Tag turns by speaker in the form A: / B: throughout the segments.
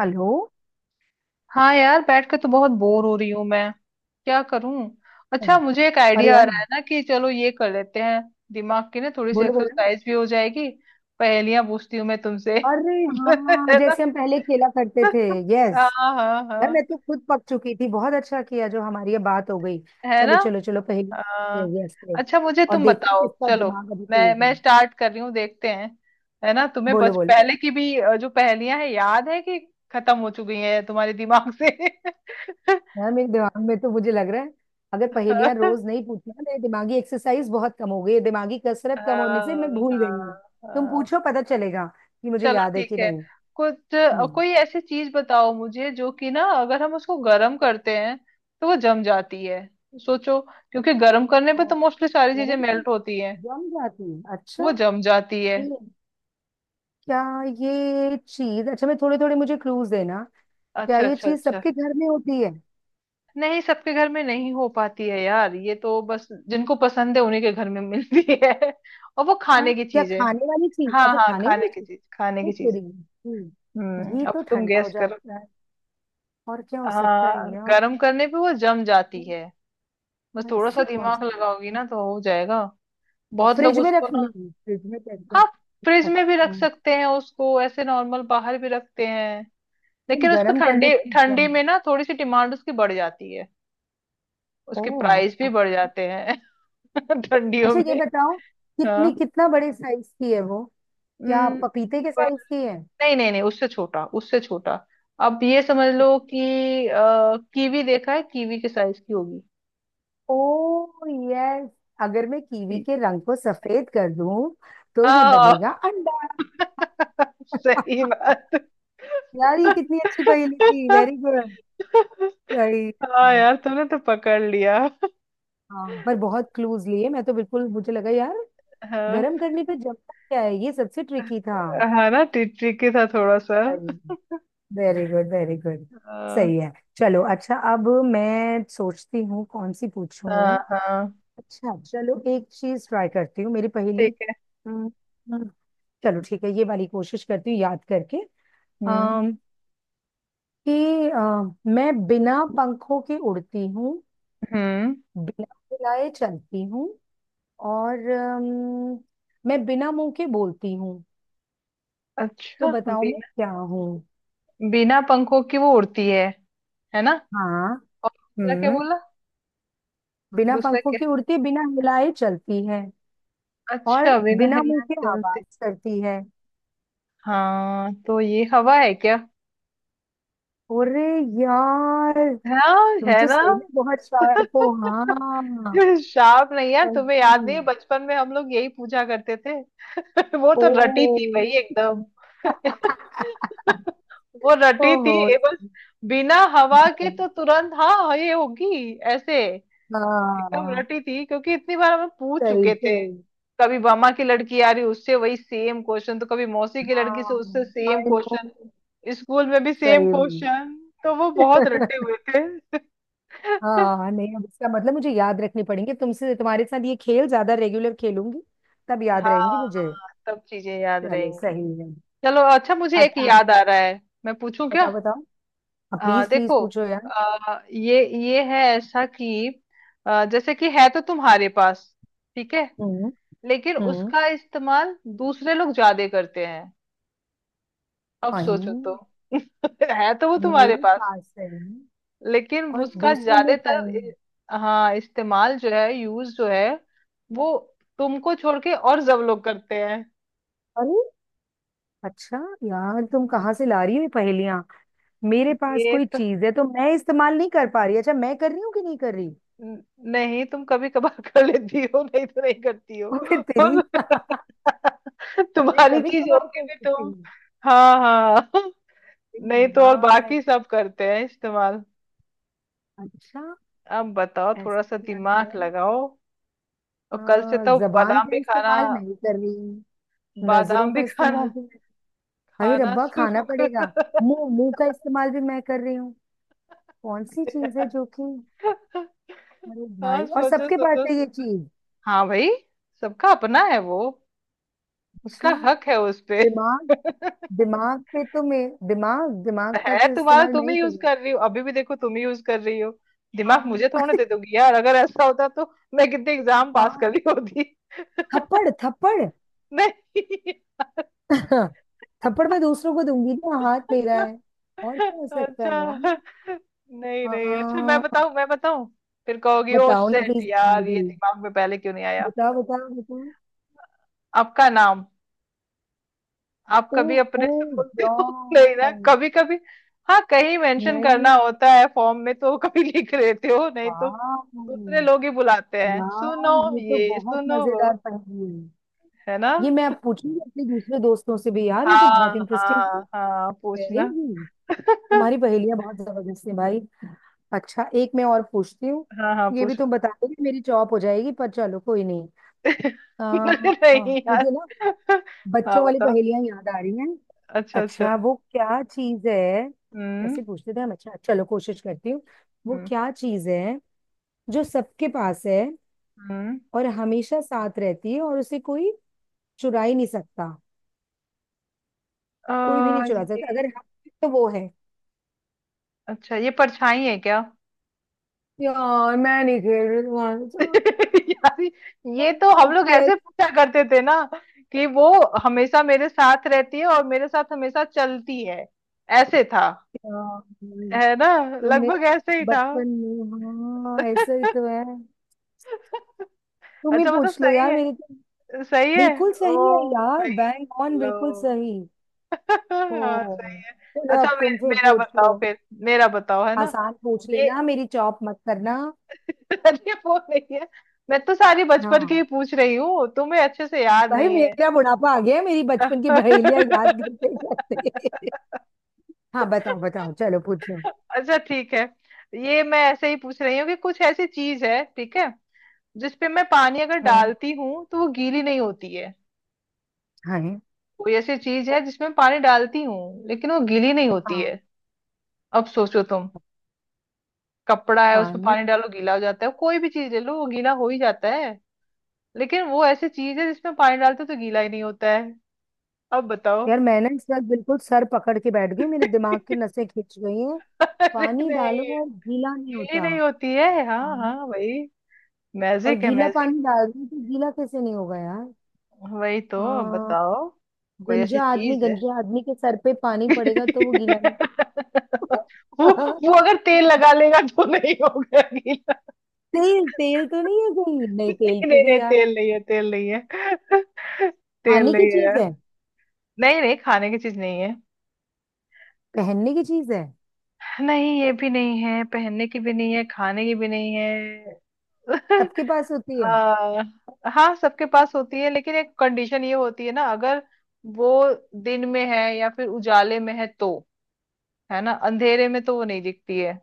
A: Hello.
B: हाँ यार, बैठ के तो बहुत बोर हो रही हूँ मैं। क्या करूं। अच्छा मुझे एक
A: अरे
B: आइडिया आ
A: यार,
B: रहा है ना कि चलो ये कर लेते हैं। दिमाग की ना थोड़ी सी
A: बोलो बोलो।
B: एक्सरसाइज भी हो जाएगी। पहेलियां पूछती हूँ मैं तुमसे।
A: अरे हाँ,
B: है ना।
A: जैसे हम पहले खेला करते थे।
B: हाँ।
A: यस।
B: हाँ
A: यार,
B: हाँ।
A: मैं तो खुद पक चुकी थी। बहुत अच्छा किया जो हमारी ये बात हो गई।
B: है ना।
A: चलो चलो चलो, पहले।
B: हाँ।
A: यस।
B: अच्छा मुझे
A: और
B: तुम
A: देखते हैं
B: बताओ,
A: किसका
B: चलो।
A: दिमाग अभी
B: मैं
A: तेज
B: मैं
A: है।
B: स्टार्ट कर रही हूँ, देखते हैं। है ना, तुम्हें
A: बोलो
B: बच
A: बोलो।
B: पहले की भी जो पहेलियां हैं याद है कि खत्म हो चुकी हैं तुम्हारे दिमाग से।
A: यार, मेरे दिमाग में तो मुझे लग रहा है, अगर पहेलियां रोज नहीं पूछी ना, मेरी दिमागी एक्सरसाइज बहुत कम हो गई है। दिमागी कसरत कम होने से मैं
B: हाँ।
A: भूल गई हूँ।
B: हाँ
A: तुम
B: हाँ।
A: पूछो, पता चलेगा कि मुझे
B: चलो
A: याद है
B: ठीक
A: कि
B: है।
A: नहीं।
B: कुछ
A: हम्म।
B: कोई ऐसी चीज बताओ मुझे जो कि ना, अगर हम उसको गर्म करते हैं तो वो जम जाती है। सोचो, क्योंकि गर्म करने पे
A: और
B: तो मोस्टली सारी चीजें
A: गरम से
B: मेल्ट होती हैं।
A: जम जाती है। अच्छा।
B: वो जम जाती है।
A: ये- क्या? ये चीज, अच्छा, मैं थोड़े थोड़े मुझे क्लूज देना। क्या
B: अच्छा
A: ये
B: अच्छा
A: चीज
B: अच्छा।
A: सबके घर में होती है?
B: नहीं सबके घर में नहीं हो पाती है यार, ये तो बस जिनको पसंद है उन्हीं के घर में मिलती है। और वो
A: हाँ,
B: खाने की
A: क्या
B: चीज है।
A: खाने वाली चीज?
B: हाँ
A: अच्छा,
B: हाँ,
A: खाने
B: खाने
A: वाली
B: की
A: चीज।
B: चीज, खाने
A: तो
B: की चीज।
A: तेरी
B: हम्म,
A: ये
B: अब
A: तो
B: तुम
A: ठंडा हो
B: गैस करो।
A: जाता है। और क्या हो सकता
B: हाँ
A: है यार?
B: गर्म करने पे वो जम जाती है। बस थोड़ा सा
A: ऐसी कौन सी?
B: दिमाग लगाओगी ना तो हो जाएगा।
A: और
B: बहुत लोग उसको ना।
A: फ्रिज में रखते हैं।
B: हाँ। फ्रिज
A: अच्छा,
B: में भी रख
A: तुम।
B: सकते हैं उसको, ऐसे नॉर्मल बाहर भी रखते हैं। लेकिन उसको
A: गर्म करने
B: ठंडी
A: पे
B: ठंडी
A: जम जाए।
B: में ना थोड़ी सी डिमांड उसकी बढ़ जाती है। उसके
A: ओह,
B: प्राइस भी बढ़
A: अच्छा।
B: जाते हैं ठंडियों
A: अच्छा, ये
B: में।
A: बताओ। कितनी
B: हाँ।
A: कितना बड़े साइज की है वो? क्या
B: हम्म,
A: पपीते के
B: पर
A: साइज की है?
B: नहीं नहीं नहीं, उससे छोटा, उससे छोटा। अब ये समझ लो कि कीवी देखा है, कीवी के साइज की होगी।
A: ओह, यस। अगर मैं कीवी के रंग को सफेद कर दूं, तो ये
B: हाँ।
A: बनेगा अंडा।
B: सही बात।
A: यार, ये कितनी अच्छी पहेली थी। Very good. सही
B: हाँ
A: है।
B: यार तुमने तो पकड़ लिया।
A: हाँ, पर बहुत क्लूज लिए। मैं तो बिल्कुल, मुझे लगा यार,
B: हाँ।
A: गर्म करने पे जमता क्या है, ये सबसे ट्रिकी था।
B: हाँ ना, ट्रिकी था थोड़ा सा।
A: Very good, very good.
B: हाँ।
A: सही है। चलो, अच्छा, अब मैं सोचती हूँ कौन सी
B: हाँ
A: पूछूं।
B: हाँ।
A: अच्छा, चलो एक चीज ट्राई करती हूँ, मेरी
B: ठीक
A: पहेली।
B: है।
A: हम्म, चलो ठीक है, ये वाली कोशिश करती हूँ याद करके।
B: हम्म।
A: अम कि अ, मैं बिना पंखों के उड़ती हूँ।
B: हम्म।
A: बिना हिलाए चलती हूँ, और मैं बिना मुंह के बोलती हूँ। तो
B: अच्छा
A: बताओ मैं
B: बिना।
A: क्या हूँ?
B: बिना पंखों की वो उड़ती है ना।
A: हाँ।
B: और दूसरा क्या
A: हम्म।
B: बोला।
A: बिना
B: दूसरा
A: पंखों
B: क्या।
A: के उड़ती, बिना हिलाए चलती है,
B: अच्छा
A: और
B: बिना
A: बिना मुंह
B: हिले
A: के
B: चलती।
A: आवाज करती है।
B: हाँ तो ये हवा है क्या।
A: अरे यार,
B: हाँ
A: तुम
B: है
A: तो
B: ना।
A: सही में बहुत शार्प हो। हाँ।
B: शार्प नहीं यार,
A: सही।
B: तुम्हें याद नहीं है बचपन में हम लोग यही पूछा करते थे। वो
A: ओ।
B: तो रटी थी भाई एकदम। वो रटी थी
A: ओहो।
B: ये बस। बिना हवा के तो तुरंत हाँ ये होगी ऐसे। एकदम
A: हाँ,
B: रटी थी क्योंकि इतनी बार हमें पूछ
A: सही,
B: चुके थे।
A: सही।
B: कभी मामा की लड़की आ रही उससे वही सेम क्वेश्चन, तो कभी मौसी की
A: हाँ,
B: लड़की से उससे सेम
A: आई नो।
B: क्वेश्चन। स्कूल में भी सेम
A: सही में।
B: क्वेश्चन। तो वो बहुत रटे हुए थे।
A: हाँ, नहीं, अब इसका मतलब मुझे याद रखनी पड़ेंगे तुमसे। तुम्हारे साथ ये खेल ज्यादा रेगुलर खेलूंगी। तब याद
B: हाँ।
A: रहेंगी मुझे।
B: हाँ सब चीजें याद
A: चलो,
B: रहेंगी।
A: सही है।
B: चलो अच्छा मुझे एक
A: अच्छा, आप
B: याद आ रहा है, मैं पूछूं क्या।
A: बताओ बताओ। आप प्लीज प्लीज
B: देखो,
A: पूछो यार।
B: ये है ऐसा कि जैसे कि है तो तुम्हारे पास, ठीक है,
A: हम्म।
B: लेकिन
A: हम्म।
B: उसका इस्तेमाल दूसरे लोग ज्यादा करते हैं। अब सोचो तो।
A: वही,
B: है तो वो तुम्हारे
A: मेरे
B: पास,
A: पास है,
B: लेकिन
A: और
B: उसका
A: दूसरे लोग
B: ज्यादातर
A: आए।
B: हाँ इस्तेमाल जो है, यूज जो है, वो तुमको छोड़ के और सब लोग करते हैं।
A: अरे अच्छा यार, तुम कहाँ से ला रही हो ये पहेलियां? मेरे पास
B: ये
A: कोई चीज है तो मैं इस्तेमाल नहीं कर पा रही? अच्छा, मैं कर रही हूँ कि नहीं कर रही?
B: न- नहीं, तुम कभी कभार कर लेती हो, नहीं तो नहीं करती हो।
A: और फिर तेरी। मैं
B: तुम्हारी
A: कभी
B: चीज
A: कभार
B: होगी
A: कर
B: भी,
A: सकती
B: तुम।
A: हूँ।
B: हाँ हाँ। नहीं
A: अरे
B: तो और
A: यार,
B: बाकी सब करते हैं इस्तेमाल।
A: अच्छा,
B: अब बताओ,
A: ऐसा
B: थोड़ा सा
A: क्या है?
B: दिमाग लगाओ। और कल से
A: हाँ,
B: तो
A: जबान
B: बादाम
A: का
B: भी खाना।
A: इस्तेमाल नहीं कर रही। नजरों
B: बादाम
A: का
B: भी खाना,
A: इस्तेमाल भी मैं। भाई
B: खाना
A: रब्बा, खाना
B: शुरू
A: पड़ेगा।
B: कर।
A: मुंह मुंह का इस्तेमाल भी मैं कर रही हूँ। कौन सी चीज है जो कि? अरे भाई,
B: हाँ,
A: और
B: सोचो
A: सबके पास
B: सोचो
A: है ये
B: सोचो।
A: चीज?
B: हाँ भाई। सबका अपना है वो। उसका
A: अच्छा,
B: हक है उस पे।
A: दिमाग, दिमाग पे तो मैं, दिमाग दिमाग का
B: है
A: तो
B: तुम्हारा,
A: इस्तेमाल
B: तुम
A: मैं ही
B: ही यूज
A: करूँ।
B: कर रही हो, अभी भी देखो तुम ही यूज कर रही हो। दिमाग मुझे
A: हाँ
B: थोड़े दे दोगी यार, अगर ऐसा होता तो मैं कितने एग्जाम पास कर
A: हाँ।
B: रही होती।
A: थप्पड़ थप्पड़।
B: नहीं।
A: थप्पड़ मैं दूसरों को दूंगी ना, हाथ मेरा है। और क्या हो सकता है
B: अच्छा।
A: यार?
B: नहीं नहीं, अच्छा मैं
A: आ,
B: बताऊं, मैं बताऊं। फिर कहोगी ओ
A: बताओ ना
B: शेट
A: प्लीज, हार
B: यार, ये
A: गई।
B: दिमाग में पहले क्यों नहीं आया।
A: बताओ बताओ बताओ।
B: आपका नाम। आप कभी अपने
A: ओहो
B: से बोलते हो। नहीं ना
A: यार,
B: कभी कभी। हाँ कहीं मेंशन
A: नहीं।
B: करना होता है फॉर्म में तो कभी लिख लेते हो, नहीं तो
A: वाह
B: दूसरे लोग ही बुलाते हैं,
A: यार,
B: सुनो
A: ये तो
B: ये,
A: बहुत
B: सुनो वो।
A: मजेदार पहेली है।
B: है ना।
A: ये मैं अब पूछूंगी अपने दूसरे दोस्तों से भी, यार ये तो बहुत
B: हाँ
A: इंटरेस्टिंग।
B: हाँ हाँ,
A: वेरी
B: पूछना।
A: गुड। तुम्हारी पहेलियां बहुत जबरदस्त है भाई। अच्छा, एक मैं और पूछती हूँ।
B: हाँ हाँ
A: ये भी
B: पूछो।
A: तुम बता दोगे, मेरी चॉप हो जाएगी, पर चलो कोई नहीं। हाँ,
B: नहीं यार।
A: मुझे ना
B: हाँ
A: बच्चों वाली
B: बताओ।
A: पहेलियां याद आ रही हैं।
B: अच्छा
A: अच्छा,
B: अच्छा।
A: वो क्या चीज है?
B: हम्म।
A: कैसे पूछते थे हम? अच्छा, चलो कोशिश करती हूँ। वो
B: हम्म।
A: क्या चीज है जो सबके पास है
B: हम्म।
A: और हमेशा साथ रहती है और उसे कोई चुरा ही नहीं सकता? कोई भी नहीं चुरा सकता।
B: ये।
A: अगर हम, तो वो है।
B: अच्छा ये परछाई है क्या।
A: यार मैं नहीं खेल रही तुम्हारे साथ।
B: यार ये
A: तुम
B: तो
A: तो
B: हम लोग ऐसे
A: कैसे
B: पूछा करते थे ना कि वो हमेशा मेरे साथ रहती है और मेरे साथ हमेशा चलती है, ऐसे था,
A: यार?
B: है ना।
A: तो मेरे
B: लगभग ऐसे ही था।
A: बचपन में, हाँ, ऐसा ही तो है। तुम ही
B: अच्छा मतलब
A: पूछ लो
B: सही
A: यार, मेरी
B: है।
A: तो।
B: सही है।
A: बिल्कुल सही है
B: ओ
A: यार,
B: भाई
A: बैंक ऑन,
B: चलो।
A: बिल्कुल सही। ओ।
B: हाँ सही है।
A: चलो,
B: अच्छा
A: अब तुम फिर
B: मेरा
A: पूछ
B: बताओ
A: लो।
B: फिर। मेरा बताओ, है ना।
A: आसान पूछ
B: ये।
A: लेना, मेरी चॉप मत करना।
B: अरे वो नहीं है, मैं तो सारी बचपन की ही
A: हाँ
B: पूछ रही हूँ, तुम्हें अच्छे से याद
A: भाई,
B: नहीं है।
A: मेरा बुढ़ापा आ गया है, मेरी बचपन की बहेलियां
B: अच्छा।
A: याद करते करते। हाँ, बताओ बताओ, चलो पूछ लो।
B: ठीक है, ये मैं ऐसे ही पूछ रही हूँ कि कुछ ऐसी चीज है, ठीक है, जिसपे मैं पानी अगर
A: हम्म।
B: डालती हूँ तो वो गीली नहीं होती है।
A: हाँ।
B: कोई ऐसी चीज है जिसमें पानी डालती हूँ लेकिन वो गीली नहीं होती
A: हाँ,
B: है। अब सोचो तुम। कपड़ा है उसमें
A: पानी।
B: पानी डालो गीला हो जाता है, कोई भी चीज ले लो वो गीला हो ही जाता है, लेकिन वो ऐसी चीज है जिसमें पानी डालते तो गीला ही नहीं होता है। अब बताओ।
A: यार मैं ना इस बार बिल्कुल सर पकड़ के बैठ गई, मेरे दिमाग की नसें खिंच गई हैं।
B: अरे
A: पानी डालो
B: नहीं।
A: और गीला नहीं
B: गीली
A: होता?
B: नहीं होती है, हाँ हाँ
A: हाँ।
B: वही।
A: और
B: मैजिक है,
A: गीला
B: मैजिक।
A: पानी डाल दूं तो गीला कैसे नहीं होगा यार?
B: वही तो,
A: आ,
B: अब बताओ। कोई ऐसी चीज है।
A: गंजा आदमी के सर पे पानी पड़ेगा तो वो गीला नहीं।
B: वो। वो अगर तेल लगा लेगा तो नहीं होगा गीला।
A: तेल तेल तो नहीं है, कहीं नहीं तेल
B: नहीं
A: पे
B: नहीं नहीं,
A: भी यार।
B: तेल नहीं है, तेल नहीं है। तेल
A: खाने की
B: नहीं है
A: चीज
B: यार।
A: है?
B: नहीं नहीं, खाने की चीज नहीं है।
A: पहनने की चीज है?
B: नहीं ये भी नहीं है, पहनने की भी नहीं है, खाने की भी नहीं है।
A: सबके पास होती है?
B: आ, हाँ सबके पास होती है, लेकिन एक कंडीशन ये होती है ना, अगर वो दिन में है या फिर उजाले में है तो, है ना। अंधेरे में तो वो नहीं दिखती है।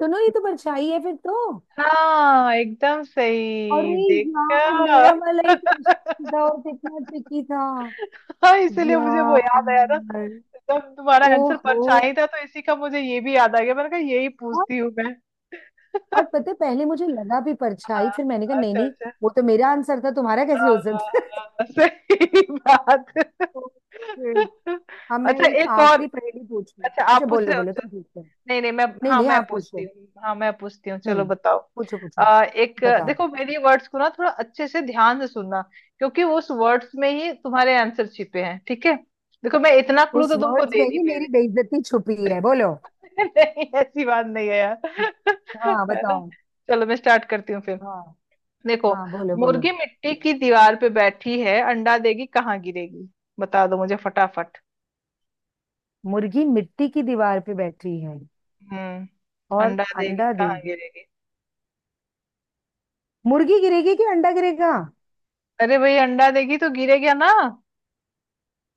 A: सुनो, ये तो परछाई है फिर तो।
B: हाँ एकदम सही
A: अरे यार,
B: देखा।
A: मेरा वाला ही क्वेश्चन था, और कितना ट्रिकी था
B: हाँ इसीलिए मुझे वो याद आया ना,
A: यार।
B: जब तुम्हारा आंसर
A: ओहो।
B: परछाई था तो इसी का मुझे ये भी याद आ गया, मैंने कहा यही पूछती हूँ मैं।
A: और पता है, पहले मुझे लगा भी परछाई,
B: हाँ।
A: फिर मैंने कहा नहीं
B: अच्छा
A: नहीं।
B: अच्छा।
A: वो तो मेरा आंसर था, तुम्हारा कैसे
B: हाँ
A: हो
B: हाँ।
A: सकता है?"
B: हाँ, सही बात।
A: ओके। अब मैं
B: अच्छा
A: एक
B: एक और।
A: आखिरी पहेली पूछूं?
B: अच्छा
A: अच्छा,
B: आप पूछ
A: बोलो
B: रहे
A: बोलो
B: हो।
A: तुम पूछते हो।
B: नहीं नहीं, मैं
A: नहीं
B: हाँ
A: नहीं,
B: मैं
A: आप
B: पूछती
A: पूछो।
B: हूँ, हाँ मैं पूछती हूँ, चलो
A: हम्म।
B: बताओ।
A: पूछो पूछो।
B: एक।
A: बताओ।
B: देखो मेरी वर्ड्स को ना थोड़ा अच्छे से ध्यान से सुनना, क्योंकि उस वर्ड्स में ही तुम्हारे आंसर छिपे हैं, ठीक है। देखो मैं इतना क्लू
A: उस
B: तो तुमको
A: वर्ड्स में
B: दे दी
A: ही
B: पहले।
A: मेरी बेइज्जती छुपी है, बोलो।
B: नहीं ऐसी बात नहीं है यार,
A: हाँ,
B: है ना।
A: बताओ।
B: चलो मैं स्टार्ट करती हूँ फिर।
A: हाँ
B: देखो,
A: हाँ, बोलो बोलो।
B: मुर्गी मिट्टी की दीवार पे बैठी है, अंडा देगी कहाँ गिरेगी। बता दो मुझे फटाफट।
A: मुर्गी मिट्टी की दीवार पे बैठी है,
B: हम्म।
A: और
B: अंडा देगी
A: अंडा
B: कहाँ
A: देगी।
B: गिरेगी।
A: मुर्गी गिरेगी कि अंडा गिरेगा?
B: अरे भाई अंडा देगी तो गिरेगा ना।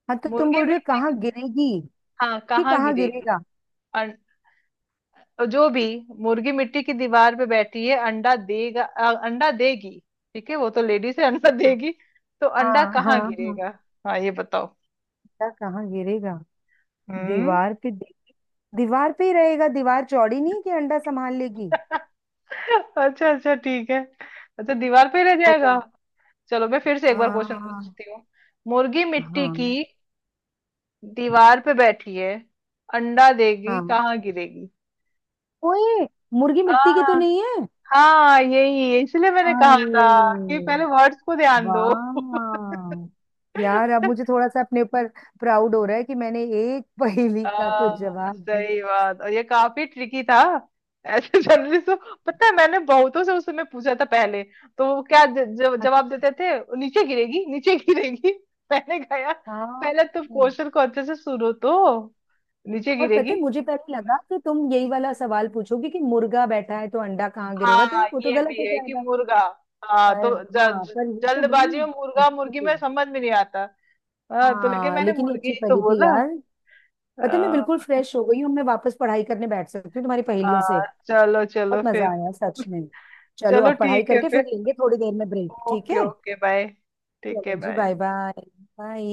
A: हाँ, तो तुम
B: मुर्गी
A: बोल रहे हो
B: मिट्टी।
A: कहाँ गिरेगी
B: हाँ
A: कि
B: कहाँ
A: कहाँ
B: गिरेगी।
A: गिरेगा?
B: अं- जो भी, मुर्गी मिट्टी की दीवार पे बैठी है, अंडा देगी, ठीक है, वो तो लेडीज है, अंडा
A: हाँ
B: देगी, तो अंडा
A: हाँ हाँ
B: कहाँ
A: हाँ।
B: गिरेगा। हाँ ये बताओ।
A: अंडा कहाँ गिरेगा?
B: हम्म।
A: दीवार पे दे- दीवार पे ही रहेगा, दीवार चौड़ी नहीं है कि अंडा संभाल लेगी।
B: अच्छा अच्छा ठीक है। अच्छा दीवार पे रह
A: बता।
B: जाएगा। चलो मैं फिर से एक बार क्वेश्चन
A: हाँ
B: पूछती हूँ। मुर्गी मिट्टी की
A: हाँ
B: दीवार पे बैठी है, अंडा देगी
A: हाँ।
B: कहाँ गिरेगी।
A: ओए। मुर्गी मिट्टी की तो
B: हाँ।
A: नहीं है।
B: हाँ यही है, इसलिए मैंने कहा
A: अरे
B: था कि पहले वर्ड्स को ध्यान दो।
A: वाह यार, अब मुझे थोड़ा सा अपने ऊपर प्राउड हो रहा है कि मैंने एक पहेली
B: आ,
A: का तो जवाब दिया।
B: सही बात, और ये काफी ट्रिकी था। ऐसे जनरली तो, पता है मैंने बहुतों से उस समय पूछा था पहले, तो वो क्या जवाब
A: अच्छा,
B: देते थे, नीचे गिरेगी, नीचे गिरेगी। मैंने कहा "यार,
A: हाँ।
B: पहले तुम क्वेश्चन को अच्छे से सुनो तो, नीचे
A: और
B: गिरेगी,
A: पता है, मुझे पहले
B: बस"।
A: लगा कि तुम यही वाला सवाल पूछोगे कि मुर्गा बैठा है, तो अंडा कहाँ गिरेगा, तो
B: हाँ
A: वो तो
B: ये
A: गलत
B: भी
A: हो
B: है कि
A: जाएगा।
B: मुर्गा, हाँ तो
A: पर,
B: ज,
A: हाँ,
B: ज,
A: पर ये तो बड़ी
B: जल्दबाजी में मुर्गा
A: अच्छी
B: मुर्गी
A: थी।
B: में समझ में नहीं आता। हाँ तो लेकिन
A: हाँ,
B: मैंने
A: लेकिन ये
B: मुर्गी
A: अच्छी
B: तो
A: पहेली थी
B: बोला।
A: यार। पता है, मैं बिल्कुल
B: हाँ।
A: फ्रेश हो गई हूँ, मैं वापस पढ़ाई करने बैठ सकती हूँ तुम्हारी पहेलियों से।
B: हाँ, चलो
A: बहुत
B: चलो
A: मजा
B: फिर।
A: आया सच में। चलो,
B: चलो
A: अब पढ़ाई
B: ठीक है
A: करके
B: फिर।
A: फिर लेंगे थोड़ी देर में ब्रेक, ठीक
B: ओके
A: है?
B: Okay bye. ठीक है
A: चलो जी,
B: बाय।
A: Bye bye. बाय।